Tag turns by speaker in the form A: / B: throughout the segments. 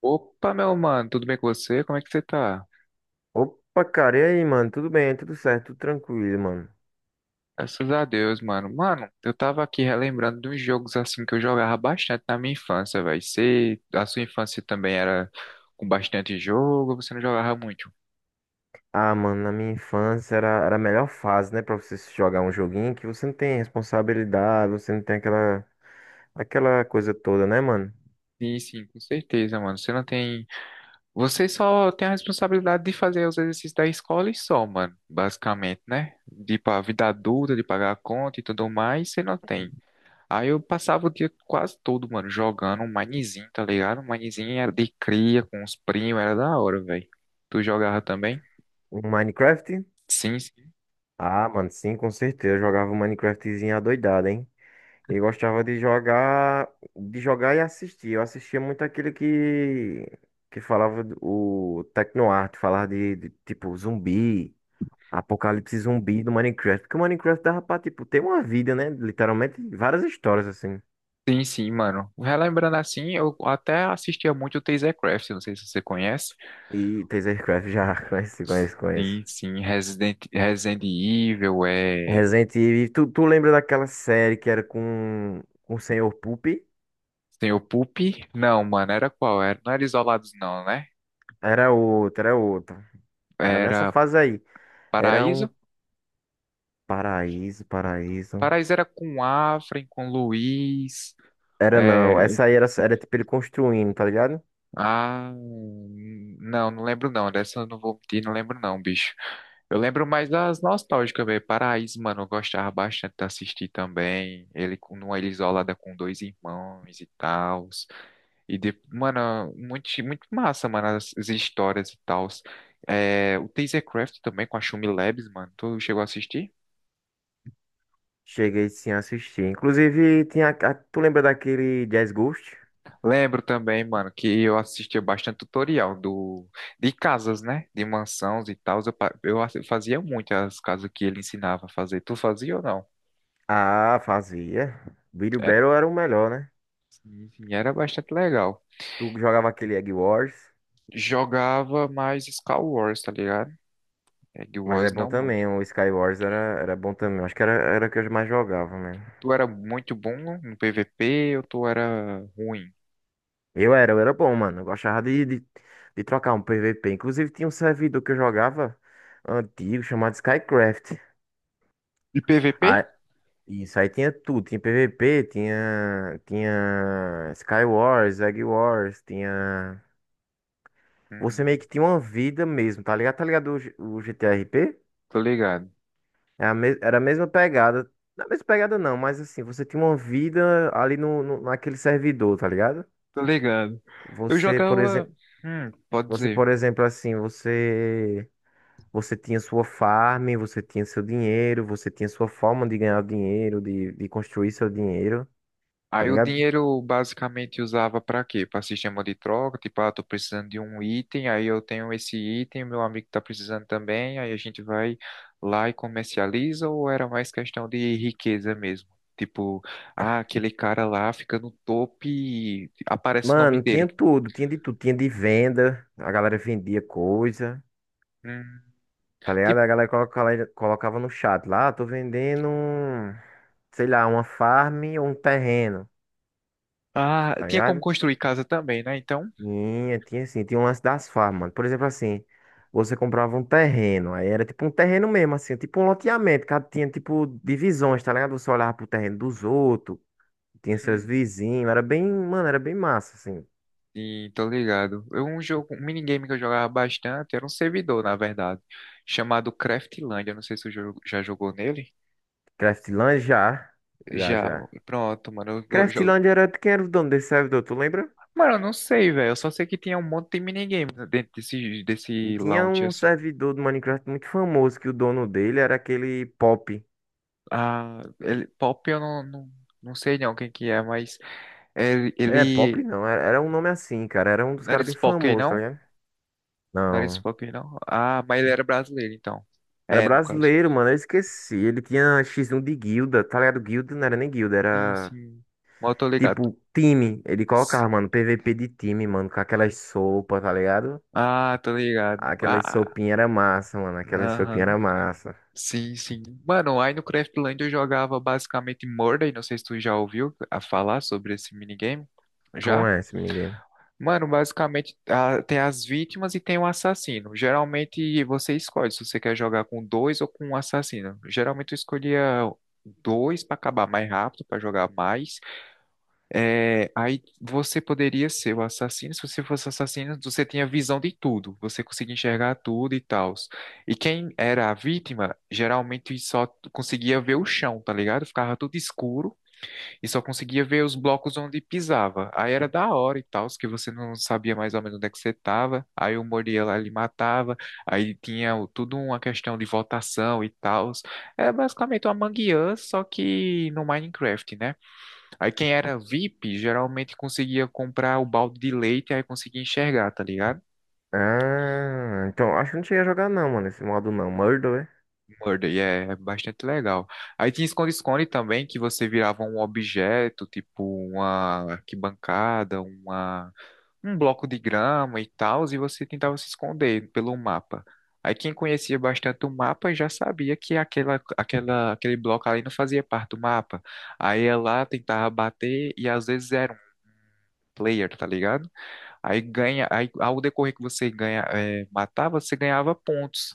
A: Opa, meu mano, tudo bem com você? Como é que você tá?
B: Opa, cara, e aí, mano? Tudo bem, tudo certo, tudo tranquilo, mano.
A: Graças a Deus, mano. Mano, eu tava aqui relembrando de uns jogos assim que eu jogava bastante na minha infância, velho. Você, a sua infância também era com bastante jogo, você não jogava muito?
B: Ah, mano, na minha infância era a melhor fase, né, pra você se jogar um joguinho que você não tem responsabilidade, você não tem aquela coisa toda, né, mano?
A: Sim, sim, com certeza, mano. Você não tem. Você só tem a responsabilidade de fazer os exercícios da escola e só, mano. Basicamente, né? De ir pra vida adulta, de pagar a conta e tudo mais, você não tem. Aí eu passava o dia quase todo, mano, jogando um Minezinho, tá ligado? Um Minezinho era de cria com os primos, era da hora, velho. Tu jogava também?
B: O Minecraft?
A: Sim, sim,
B: Ah, mano, sim, com certeza. Eu jogava um Minecraftzinho adoidado, hein? E gostava de jogar e assistir. Eu assistia muito aquele que falava do- o Tecnoarte, falava de tipo zumbi. Apocalipse zumbi do Minecraft. Porque o Minecraft dava pra, tipo, ter uma vida, né? Literalmente, várias histórias, assim.
A: sim, sim, mano. Relembrando assim, eu até assistia muito o TazerCraft, não sei se você conhece.
B: E Tasercraft já conhece, conhece, conhece.
A: Sim, sim, Resident Evil, é...
B: Resident Evil. Tu lembra daquela série que era com o Senhor Poop?
A: Tem o Pup? Não, mano, era qual? Era... Não era Isolados não, né?
B: Era outra. Era nessa
A: Era
B: fase aí. Era um
A: Paraíso?
B: paraíso, paraíso.
A: Paraíso era com Afren, com Luiz,
B: Era não.
A: é,
B: Essa aí era tipo ele construindo, tá ligado?
A: Ah, não, não lembro não. Dessa eu não vou mentir, não lembro não, bicho. Eu lembro mais das nostálgicas, velho. Paraíso, mano, eu gostava bastante de assistir também. Ele numa ilha isolada com dois irmãos e tal. E, de, mano, muito, muito massa, mano, as histórias e tal. É, o Tasercraft também com a Shumi Labs, mano. Tu chegou a assistir?
B: Cheguei sim a assistir. Inclusive, tinha. Tu lembra daquele Jazz Ghost?
A: Lembro também, mano, que eu assistia bastante tutorial do de casas, né? De mansões e tal. Eu, pa- eu assi- fazia muito as casas que ele ensinava a fazer. Tu fazia ou não?
B: Ah, fazia. Video
A: Era,
B: Battle era o melhor, né?
A: sim, sim, era bastante legal.
B: Tu jogava aquele Egg Wars,
A: Jogava mais Star Wars, tá ligado? Egg
B: mas é
A: Wars
B: bom
A: não muito.
B: também. O Sky Wars era bom também. Acho que era o que eu mais jogava, né?
A: Tu era muito bom no PVP ou tu era ruim?
B: Eu era bom, mano. Eu gostava de trocar um PVP. Inclusive, tinha um servidor que eu jogava antigo, chamado Skycraft.
A: E PVP?
B: Aí, isso aí tinha tudo. Tinha PVP, tinha Sky Wars, Egg Wars, tinha. Você meio
A: Hum,
B: que tinha uma vida mesmo, tá ligado? Tá ligado o GTRP?
A: tô ligado.
B: Era a mesma pegada. Não é a mesma pegada não, mas assim, você tinha uma vida ali naquele servidor, tá ligado?
A: Tô ligado. Eu
B: Você, por
A: jogava.
B: exemplo,
A: Pode
B: você,
A: dizer.
B: por exemplo, assim, você tinha sua farm, você tinha seu dinheiro, você tinha sua forma de ganhar dinheiro, de construir seu dinheiro, tá
A: Aí o
B: ligado?
A: dinheiro basicamente usava para quê? Para sistema de troca, tipo, ah, tô precisando de um item, aí eu tenho esse item, meu amigo tá precisando também, aí a gente vai lá e comercializa, ou era mais questão de riqueza mesmo? Tipo, ah, aquele cara lá fica no topo e aparece o nome
B: Mano,
A: dele.
B: tinha tudo, tinha de venda, a galera vendia coisa,
A: Hum,
B: tá ligado?
A: tipo,
B: A galera colocava, colocava no chat lá, "Ah, tô vendendo, um, sei lá, uma farm ou um terreno,
A: ah,
B: tá
A: tinha como
B: ligado?
A: construir casa também, né? Então,
B: Tinha, tinha assim, tinha um lance das farmas, mano. Por exemplo, assim, você comprava um terreno, aí era tipo um terreno mesmo, assim, tipo um loteamento, cada tinha tipo divisões, tá ligado? Você olhava pro terreno dos outros, tinha seus
A: hum.
B: vizinhos, era bem, mano, era bem massa, assim.
A: Sim, tô ligado. Um jogo, um minigame que eu jogava bastante, era um servidor, na verdade, chamado Craftlandia. Não sei se você já jogou nele.
B: Craftland já, já,
A: Já,
B: já.
A: pronto, mano. Jogo.
B: Craftland era de quem era o dono desse servidor, tu lembra?
A: Mano, eu não sei, velho. Eu só sei que tinha um monte de minigame dentro desse
B: Tinha
A: lounge,
B: um
A: assim.
B: servidor do Minecraft muito famoso, que o dono dele era aquele Pop.
A: Ah, ele, Pop eu não sei não quem que é, mas ele,
B: É, Pop
A: ele
B: não, era um nome assim, cara, era um dos
A: não era
B: caras bem
A: Spock,
B: famosos, tá
A: não?
B: ligado?
A: Não era
B: Não.
A: Spock, não? Ah, mas ele era brasileiro, então.
B: Era
A: É, no caso.
B: brasileiro, mano. Eu esqueci. Ele tinha X1 de guilda, tá ligado? Guilda não era nem guilda,
A: Sim,
B: era
A: sim. Mas eu tô ligado.
B: tipo time. Ele colocava, mano, PVP de time, mano, com aquelas sopas, tá ligado?
A: Ah, tô ligado.
B: Aquelas
A: Ah,
B: sopinhas era massa, mano. Aquelas sopinhas
A: aham.
B: era massa.
A: Sim, sim. Mano, aí no Craftland eu jogava basicamente Murder, não sei se tu já ouviu a falar sobre esse minigame.
B: Como
A: Já?
B: é esse minigame?
A: Mano, basicamente ah, tem as vítimas e tem o assassino. Geralmente você escolhe se você quer jogar com dois ou com um assassino. Geralmente eu escolhia dois pra acabar mais rápido, pra jogar mais. É, aí você poderia ser o assassino. Se você fosse assassino, você tinha visão de tudo, você conseguia enxergar tudo e tal. E quem era a vítima, geralmente só conseguia ver o chão, tá ligado? Ficava tudo escuro e só conseguia ver os blocos onde pisava. Aí era da hora e tal, que você não sabia mais ou menos onde é que você tava. Aí o Moriel ali matava, aí tinha tudo uma questão de votação e tal. É basicamente uma mangueira, só que no Minecraft, né? Aí quem era VIP geralmente conseguia comprar o balde de leite aí conseguia enxergar, tá ligado?
B: Ah, então acho que não cheguei a jogar não, mano, esse modo não. Murder, é?
A: Murder, e é bastante legal. Aí tinha esconde-esconde também, que você virava um objeto, tipo uma arquibancada, um bloco de grama e tal, e você tentava se esconder pelo mapa. Aí quem conhecia bastante o mapa já sabia que aquele bloco ali não fazia parte do mapa. Aí ia lá, tentava bater e às vezes era um player, tá ligado? Aí ganha, aí ao decorrer que você ganha, é, matava, você ganhava pontos.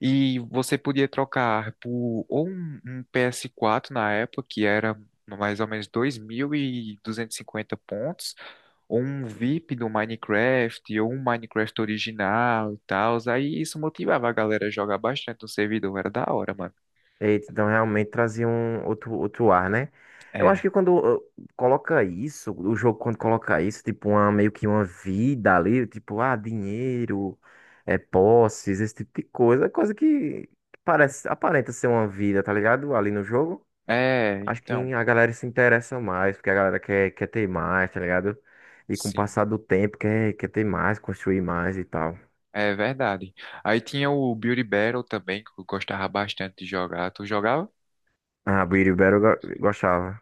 A: E você podia trocar por ou um PS4 na época, que era mais ou menos dois mil e duzentos e cinquenta pontos, ou um VIP do Minecraft, ou um Minecraft original e tal. Aí isso motivava a galera a jogar bastante no servidor, era da hora, mano.
B: Eita, então realmente trazia um outro, outro ar, né? Eu acho
A: É,
B: que quando coloca isso, o jogo quando coloca isso, tipo, uma, meio que uma vida ali, tipo, ah, dinheiro, é, posses, esse tipo de coisa, é coisa que parece, aparenta ser uma vida, tá ligado? Ali no jogo.
A: é,
B: Acho
A: então,
B: que a galera se interessa mais, porque a galera quer, quer ter mais, tá ligado? E com o
A: sim.
B: passar do tempo, quer, quer ter mais, construir mais e tal.
A: É verdade. Aí tinha o Beauty Battle também, que eu gostava bastante de jogar. Tu jogava?
B: Ah, Beauty Battle eu gostava.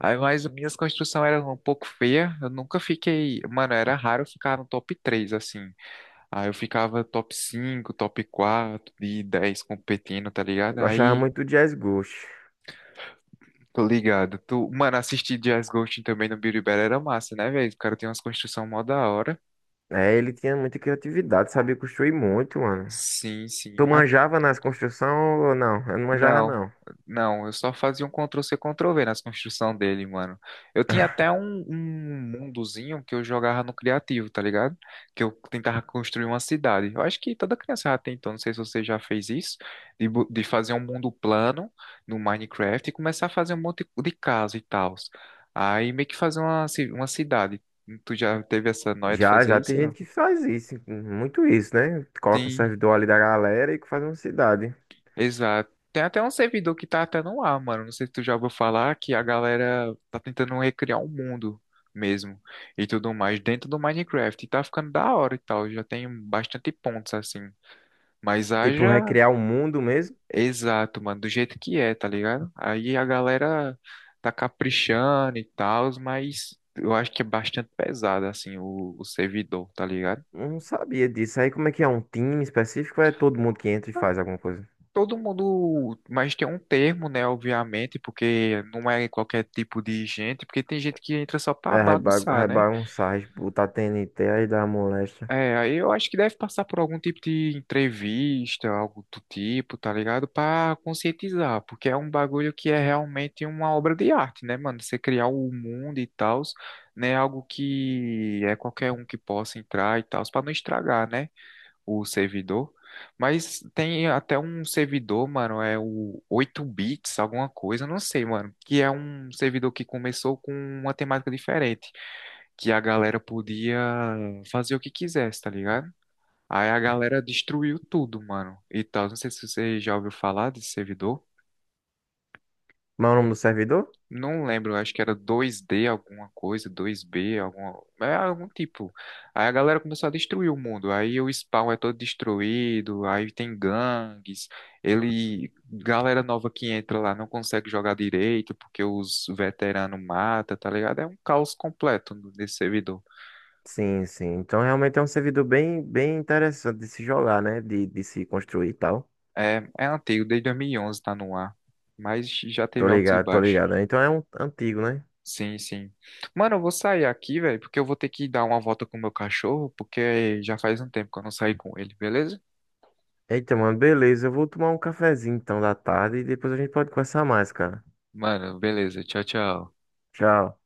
A: Aí, mas minhas construções eram um pouco feias. Eu nunca fiquei. Mano, era raro eu ficar no top 3 assim. Aí eu ficava top 5, top 4 de 10 competindo, tá ligado?
B: Gostava
A: Aí,
B: muito do Jazz Ghost.
A: tô ligado. Tu... Mano, assistir Jazz Ghosting também no Biribela era massa, né, velho? O cara tem umas construções mó da hora.
B: É, ele tinha muita criatividade, sabia construir muito, mano.
A: Sim,
B: Tu
A: sim.
B: manjava nas construções ou não? Eu não manjava,
A: Não,
B: não.
A: não, eu só fazia um Ctrl-C, Ctrl-V nas construções dele, mano. Eu tinha até um mundozinho que eu jogava no criativo, tá ligado? Que eu tentava construir uma cidade. Eu acho que toda criança já tentou, não sei se você já fez isso, de fazer um mundo plano no Minecraft e começar a fazer um monte de casa e tal. Aí meio que fazer uma cidade. Tu já teve essa noia de
B: Já,
A: fazer
B: já tem
A: isso? Não?
B: gente que faz isso, muito isso, né? Coloca o
A: Sim.
B: servidor ali da galera e faz uma cidade.
A: Exato. Tem até um servidor que tá até no ar, mano. Não sei se tu já ouviu falar que a galera tá tentando recriar um mundo mesmo e tudo mais dentro do Minecraft. E tá ficando da hora e tal. Já tem bastante pontos assim. Mas
B: Tipo,
A: haja
B: recriar o mundo mesmo?
A: exato, mano, do jeito que é, tá ligado? Aí a galera tá caprichando e tal, mas eu acho que é bastante pesado assim o servidor, tá ligado?
B: Eu não sabia disso. Aí como é que é? Um time específico ou é todo mundo que entra e faz alguma coisa?
A: Todo mundo, mas tem um termo, né, obviamente, porque não é qualquer tipo de gente, porque tem gente que entra só pra
B: É,
A: bagunçar, né?
B: rebagunçar, botar TNT aí da moléstia.
A: É, aí eu acho que deve passar por algum tipo de entrevista, algo do tipo, tá ligado? Pra conscientizar, porque é um bagulho que é realmente uma obra de arte, né, mano? Você criar o mundo e tal, né? Algo que é qualquer um que possa entrar e tal, pra não estragar, né? O servidor. Mas tem até um servidor, mano, é o 8 bits, alguma coisa, não sei, mano, que é um servidor que começou com uma temática diferente, que a galera podia fazer o que quisesse, tá ligado? Aí a galera destruiu tudo, mano. E tal, não sei se você já ouviu falar desse servidor.
B: Mas é o nome do servidor?
A: Não lembro, acho que era 2D alguma coisa, 2B, alguma, é algum tipo. Aí a galera começou a destruir o mundo. Aí o spawn é todo destruído, aí tem gangues. Ele, galera nova que entra lá não consegue jogar direito porque os veteranos matam, tá ligado? É um caos completo nesse servidor.
B: Sim, sim. Então realmente é um servidor bem, bem interessante de se jogar, né? De se construir e tal.
A: É, é antigo, desde 2011 tá no ar, mas já
B: Tô
A: teve altos e
B: ligado, tô
A: baixos.
B: ligado, né? Então é um antigo, né?
A: Sim, sim. Mano, eu vou sair aqui, velho, porque eu vou ter que dar uma volta com o meu cachorro, porque já faz um tempo que eu não saí com ele, beleza?
B: Eita, mano, beleza. Eu vou tomar um cafezinho então da tarde e depois a gente pode conversar mais, cara.
A: Mano, beleza. Tchau, tchau.
B: Tchau.